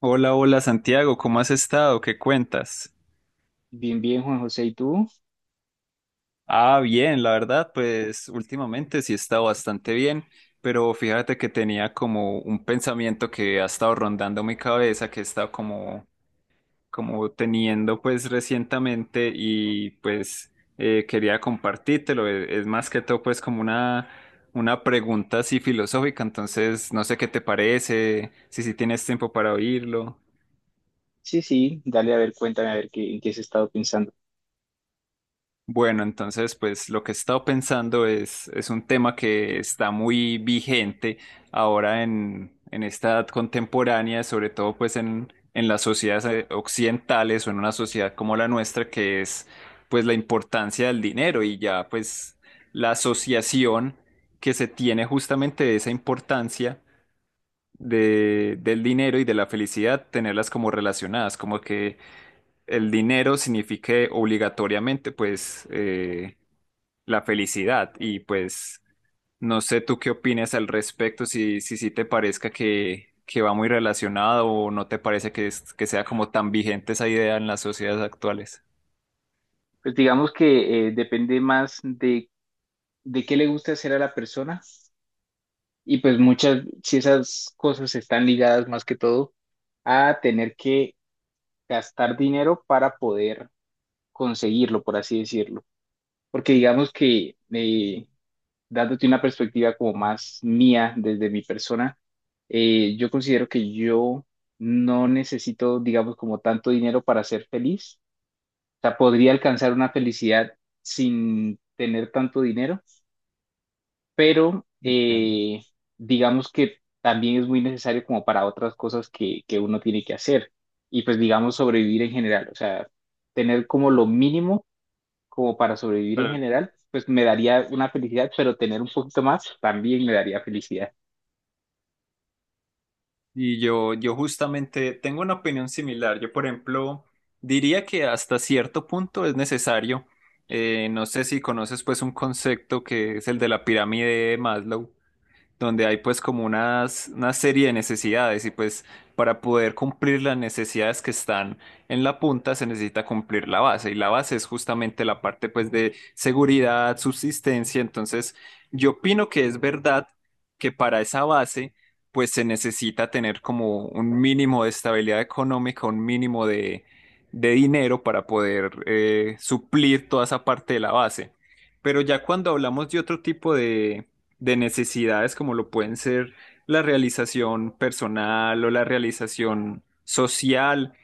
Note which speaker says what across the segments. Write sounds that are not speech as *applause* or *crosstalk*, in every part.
Speaker 1: Hola, hola Santiago, ¿cómo has estado? ¿Qué cuentas?
Speaker 2: Bien, bien, Juan José, ¿y tú?
Speaker 1: Ah, bien, la verdad, pues últimamente sí he estado bastante bien, pero fíjate que tenía como un pensamiento que ha estado rondando mi cabeza, que he estado como, teniendo pues recientemente y pues quería compartírtelo. Es más que todo pues como una pregunta así filosófica, entonces no sé qué te parece, si tienes tiempo para oírlo.
Speaker 2: Sí, sí, dale, a ver, cuéntame, a ver qué, en qué has estado pensando.
Speaker 1: Bueno, entonces, pues lo que he estado pensando es un tema que está muy vigente ahora en, esta edad contemporánea, sobre todo pues en las sociedades occidentales o en una sociedad como la nuestra, que es pues la importancia del dinero y ya pues la asociación que se tiene justamente de esa importancia del dinero y de la felicidad, tenerlas como relacionadas, como que el dinero signifique obligatoriamente pues la felicidad. Y pues no sé tú qué opinas al respecto, si te parezca que, va muy relacionado o no te parece que sea como tan vigente esa idea en las sociedades actuales.
Speaker 2: Pues digamos que depende más de qué le gusta hacer a la persona y pues muchas, si esas cosas están ligadas más que todo a tener que gastar dinero para poder conseguirlo, por así decirlo. Porque digamos que dándote una perspectiva como más mía desde mi persona, yo considero que yo no necesito, digamos, como tanto dinero para ser feliz. O sea, podría alcanzar una felicidad sin tener tanto dinero, pero
Speaker 1: Bien.
Speaker 2: digamos que también es muy necesario como para otras cosas que uno tiene que hacer y pues digamos sobrevivir en general. O sea, tener como lo mínimo como para sobrevivir en
Speaker 1: Pero,
Speaker 2: general, pues me daría una felicidad, pero tener un poquito más también me daría felicidad.
Speaker 1: Y yo justamente tengo una opinión similar. Yo, por ejemplo, diría que hasta cierto punto es necesario. No sé si conoces pues un concepto que es el de la pirámide de Maslow donde hay pues como una serie de necesidades y pues para poder cumplir las necesidades que están en la punta se necesita cumplir la base y la base es justamente la parte pues de seguridad, subsistencia, entonces yo opino que es verdad que para esa base pues se necesita tener como un mínimo de estabilidad económica, un mínimo de dinero para poder suplir toda esa parte de la base. Pero ya cuando hablamos de otro tipo de necesidades como lo pueden ser la realización personal o la realización social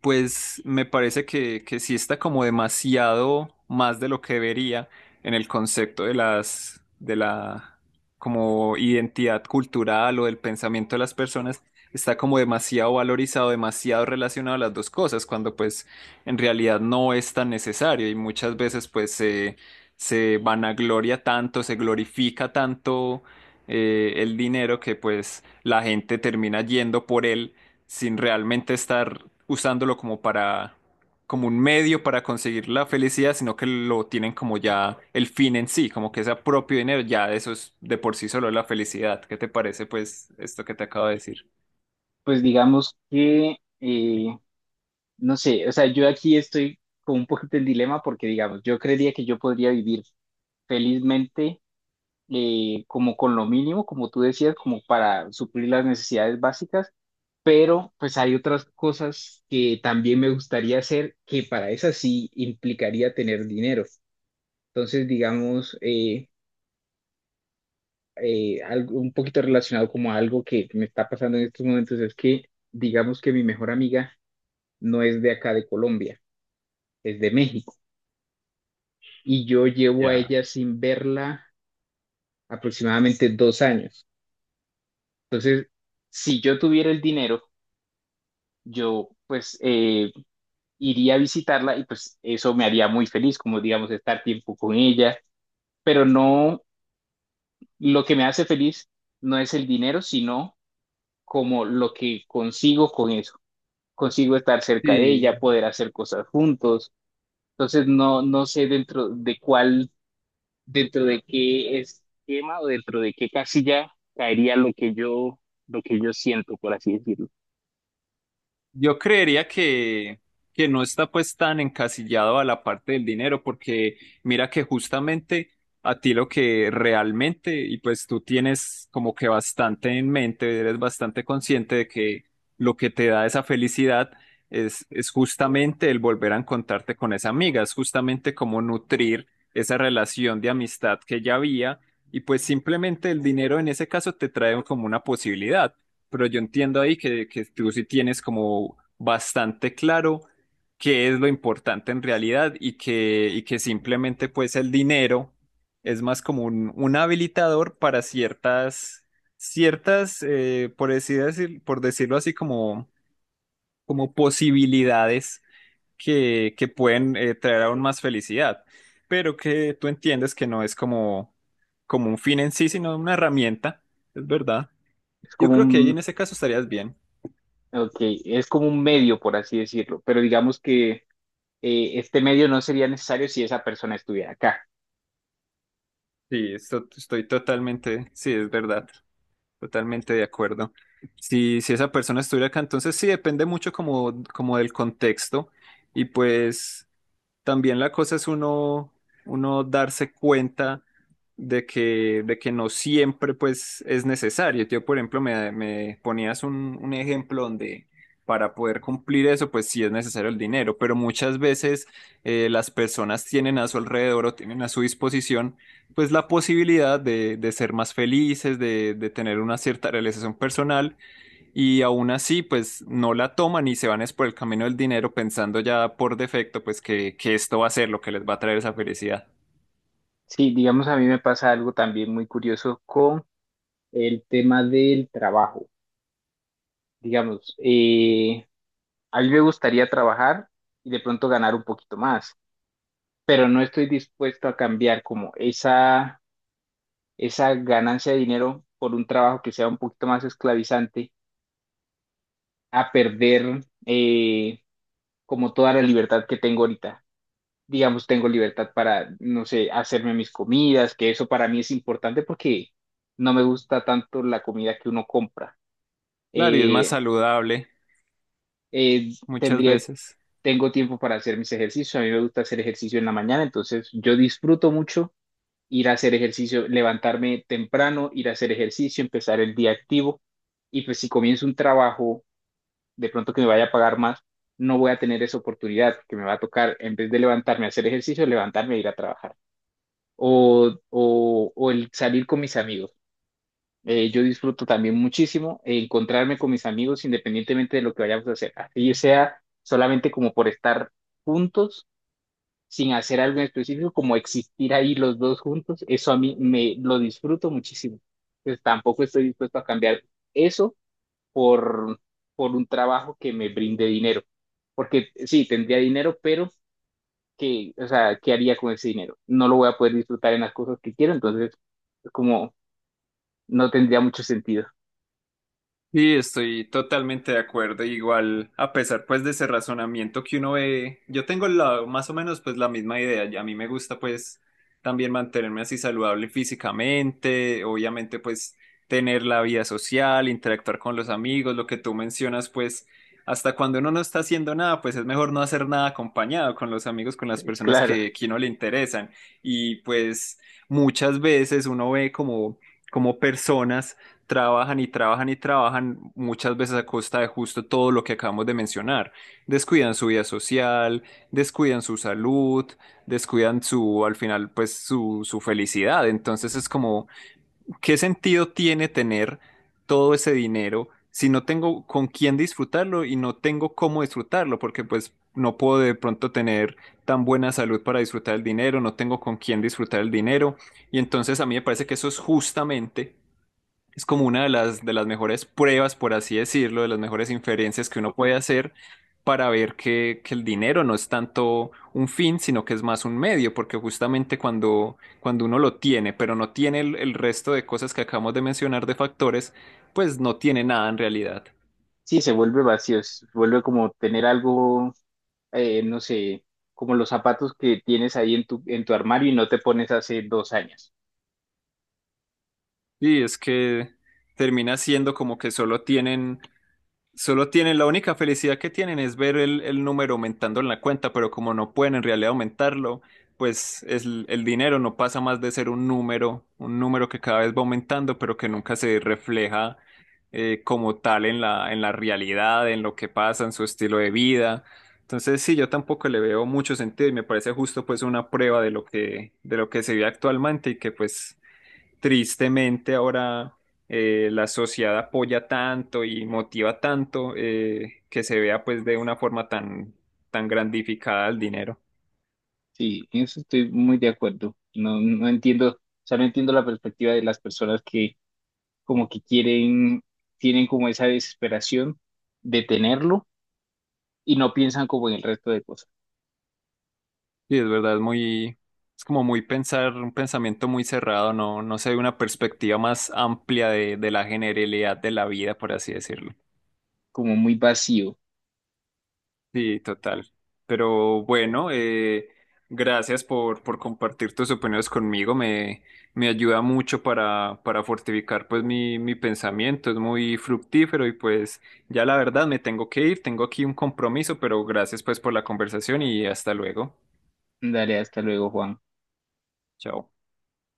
Speaker 1: pues me parece que, sí está como demasiado más de lo que debería en el concepto de la como identidad cultural o del pensamiento de las personas, está como demasiado valorizado, demasiado relacionado a las dos cosas, cuando pues en realidad no es tan necesario y muchas veces pues se vanagloria tanto, se glorifica tanto el dinero que pues la gente termina yendo por él sin realmente estar usándolo como un medio para conseguir la felicidad, sino que lo tienen como ya el fin en sí, como que ese propio dinero, ya eso es de por sí solo la felicidad. ¿Qué te parece pues esto que te acabo de decir?
Speaker 2: Pues digamos que, no sé, o sea, yo aquí estoy con un poquito el dilema porque, digamos, yo creería que yo podría vivir felizmente como con lo mínimo, como tú decías, como para suplir las necesidades básicas, pero pues hay otras cosas que también me gustaría hacer que para esas sí implicaría tener dinero. Entonces, digamos, algo, un poquito relacionado como a algo que me está pasando en estos momentos es que digamos que mi mejor amiga no es de acá de Colombia, es de México y yo llevo a
Speaker 1: Ya.
Speaker 2: ella sin verla aproximadamente 2 años. Entonces, si yo tuviera el dinero, yo pues iría a visitarla y pues eso me haría muy feliz, como digamos estar tiempo con ella, pero no, lo que me hace feliz no es el dinero, sino como lo que consigo con eso. Consigo estar cerca de ella,
Speaker 1: Sí.
Speaker 2: poder hacer cosas juntos. Entonces no, no sé dentro de cuál, dentro de qué esquema o dentro de qué casilla caería lo que yo siento, por así decirlo.
Speaker 1: Yo creería que, no está pues tan encasillado a la parte del dinero, porque mira que justamente a ti lo que realmente, y pues tú tienes como que bastante en mente, eres bastante consciente de que lo que te da esa felicidad es justamente el volver a encontrarte con esa amiga, es justamente como nutrir esa relación de amistad que ya había, y pues simplemente el dinero en ese caso te trae como una posibilidad, pero yo entiendo ahí que, tú sí tienes como bastante claro qué es lo importante en realidad y que, simplemente pues el dinero es más como un, habilitador para ciertas, por decirlo así, como, posibilidades que pueden traer aún más felicidad, pero que tú entiendes que no es como, como un fin en sí, sino una herramienta, es verdad.
Speaker 2: Es
Speaker 1: Yo
Speaker 2: como
Speaker 1: creo que ahí
Speaker 2: un,
Speaker 1: en ese caso estarías bien.
Speaker 2: okay, es como un medio, por así decirlo, pero digamos que este medio no sería necesario si esa persona estuviera acá.
Speaker 1: Sí, estoy totalmente, sí, es verdad, totalmente de acuerdo. Si esa persona estuviera acá, entonces sí, depende mucho como, del contexto y pues también la cosa es uno, darse cuenta de que no siempre pues es necesario. Yo, por ejemplo, me, ponías un ejemplo donde para poder cumplir eso, pues sí es necesario el dinero, pero muchas veces las personas tienen a su alrededor o tienen a su disposición pues la posibilidad de ser más felices, de tener una cierta realización personal y aún así, pues no la toman y se van es por el camino del dinero pensando ya por defecto, pues que esto va a ser lo que les va a traer esa felicidad.
Speaker 2: Sí, digamos, a mí me pasa algo también muy curioso con el tema del trabajo. Digamos, a mí me gustaría trabajar y de pronto ganar un poquito más, pero no estoy dispuesto a cambiar como esa ganancia de dinero por un trabajo que sea un poquito más esclavizante, a perder como toda la libertad que tengo ahorita. Digamos, tengo libertad para, no sé, hacerme mis comidas, que eso para mí es importante porque no me gusta tanto la comida que uno compra.
Speaker 1: Claro, y es más
Speaker 2: Eh,
Speaker 1: saludable
Speaker 2: eh,
Speaker 1: muchas
Speaker 2: tendría
Speaker 1: veces.
Speaker 2: tengo tiempo para hacer mis ejercicios. A mí me gusta hacer ejercicio en la mañana, entonces yo disfruto mucho ir a hacer ejercicio, levantarme temprano, ir a hacer ejercicio, empezar el día activo. Y pues si comienzo un trabajo, de pronto que me vaya a pagar más, no voy a tener esa oportunidad, que me va a tocar, en vez de levantarme a hacer ejercicio, levantarme a ir a trabajar. O el salir con mis amigos. Yo disfruto también muchísimo encontrarme con mis amigos independientemente de lo que vayamos a hacer. Así sea solamente como por estar juntos sin hacer algo en específico, como existir ahí los dos juntos, eso a mí me lo disfruto muchísimo. Pues tampoco estoy dispuesto a cambiar eso por, por un trabajo que me brinde dinero. Porque sí, tendría dinero, pero que, o sea, ¿qué haría con ese dinero? No lo voy a poder disfrutar en las cosas que quiero, entonces es como no tendría mucho sentido. *laughs*
Speaker 1: Sí, estoy totalmente de acuerdo. Igual, a pesar pues de ese razonamiento que uno ve, yo tengo , más o menos pues la misma idea. Y a mí me gusta pues también mantenerme así saludable físicamente, obviamente pues tener la vida social, interactuar con los amigos, lo que tú mencionas pues hasta cuando uno no está haciendo nada, pues es mejor no hacer nada acompañado con los amigos, con las personas
Speaker 2: Claro,
Speaker 1: que, uno le interesan. Y pues muchas veces uno ve como personas trabajan y trabajan y trabajan muchas veces a costa de justo todo lo que acabamos de mencionar. Descuidan su vida social, descuidan su salud, descuidan, al final, pues su felicidad. Entonces es como, ¿qué sentido tiene tener todo ese dinero si no tengo con quién disfrutarlo y no tengo cómo disfrutarlo? Porque pues no puedo de pronto tener tan buena salud para disfrutar el dinero, no tengo con quién disfrutar el dinero. Y entonces a mí me parece que eso es justamente es como una de las mejores pruebas, por así decirlo, de las mejores inferencias que uno puede hacer para ver que, el dinero no es tanto un fin, sino que es más un medio, porque justamente cuando, uno lo tiene, pero no tiene el resto de cosas que acabamos de mencionar de factores, pues no tiene nada en realidad.
Speaker 2: sí, se vuelve vacío, se vuelve como tener algo no sé, como los zapatos que tienes ahí en en tu armario y no te pones hace 2 años.
Speaker 1: Y es que termina siendo como que solo tienen, la única felicidad que tienen es ver el número aumentando en la cuenta, pero como no pueden en realidad aumentarlo, pues el dinero no pasa más de ser un número que cada vez va aumentando, pero que nunca se refleja como tal en la realidad, en lo que pasa, en su estilo de vida. Entonces, sí, yo tampoco le veo mucho sentido y me parece justo pues una prueba de lo que se vive actualmente y que pues tristemente ahora la sociedad apoya tanto y motiva tanto que se vea pues de una forma tan, grandificada el dinero.
Speaker 2: Sí, en eso estoy muy de acuerdo. No, no entiendo, o sea, no entiendo la perspectiva de las personas que como que quieren, tienen como esa desesperación de tenerlo y no piensan como en el resto de cosas,
Speaker 1: Y es verdad, es como muy pensar, un pensamiento muy cerrado, no se ve una perspectiva más amplia de la generalidad de la vida, por así decirlo.
Speaker 2: como muy vacío.
Speaker 1: Sí, total. Pero bueno, gracias por, compartir tus opiniones conmigo. me, ayuda mucho para, fortificar pues mi pensamiento. Es muy fructífero y pues ya la verdad me tengo que ir. Tengo aquí un compromiso, pero gracias pues por la conversación y hasta luego.
Speaker 2: Dale, hasta luego, Juan.
Speaker 1: Chao.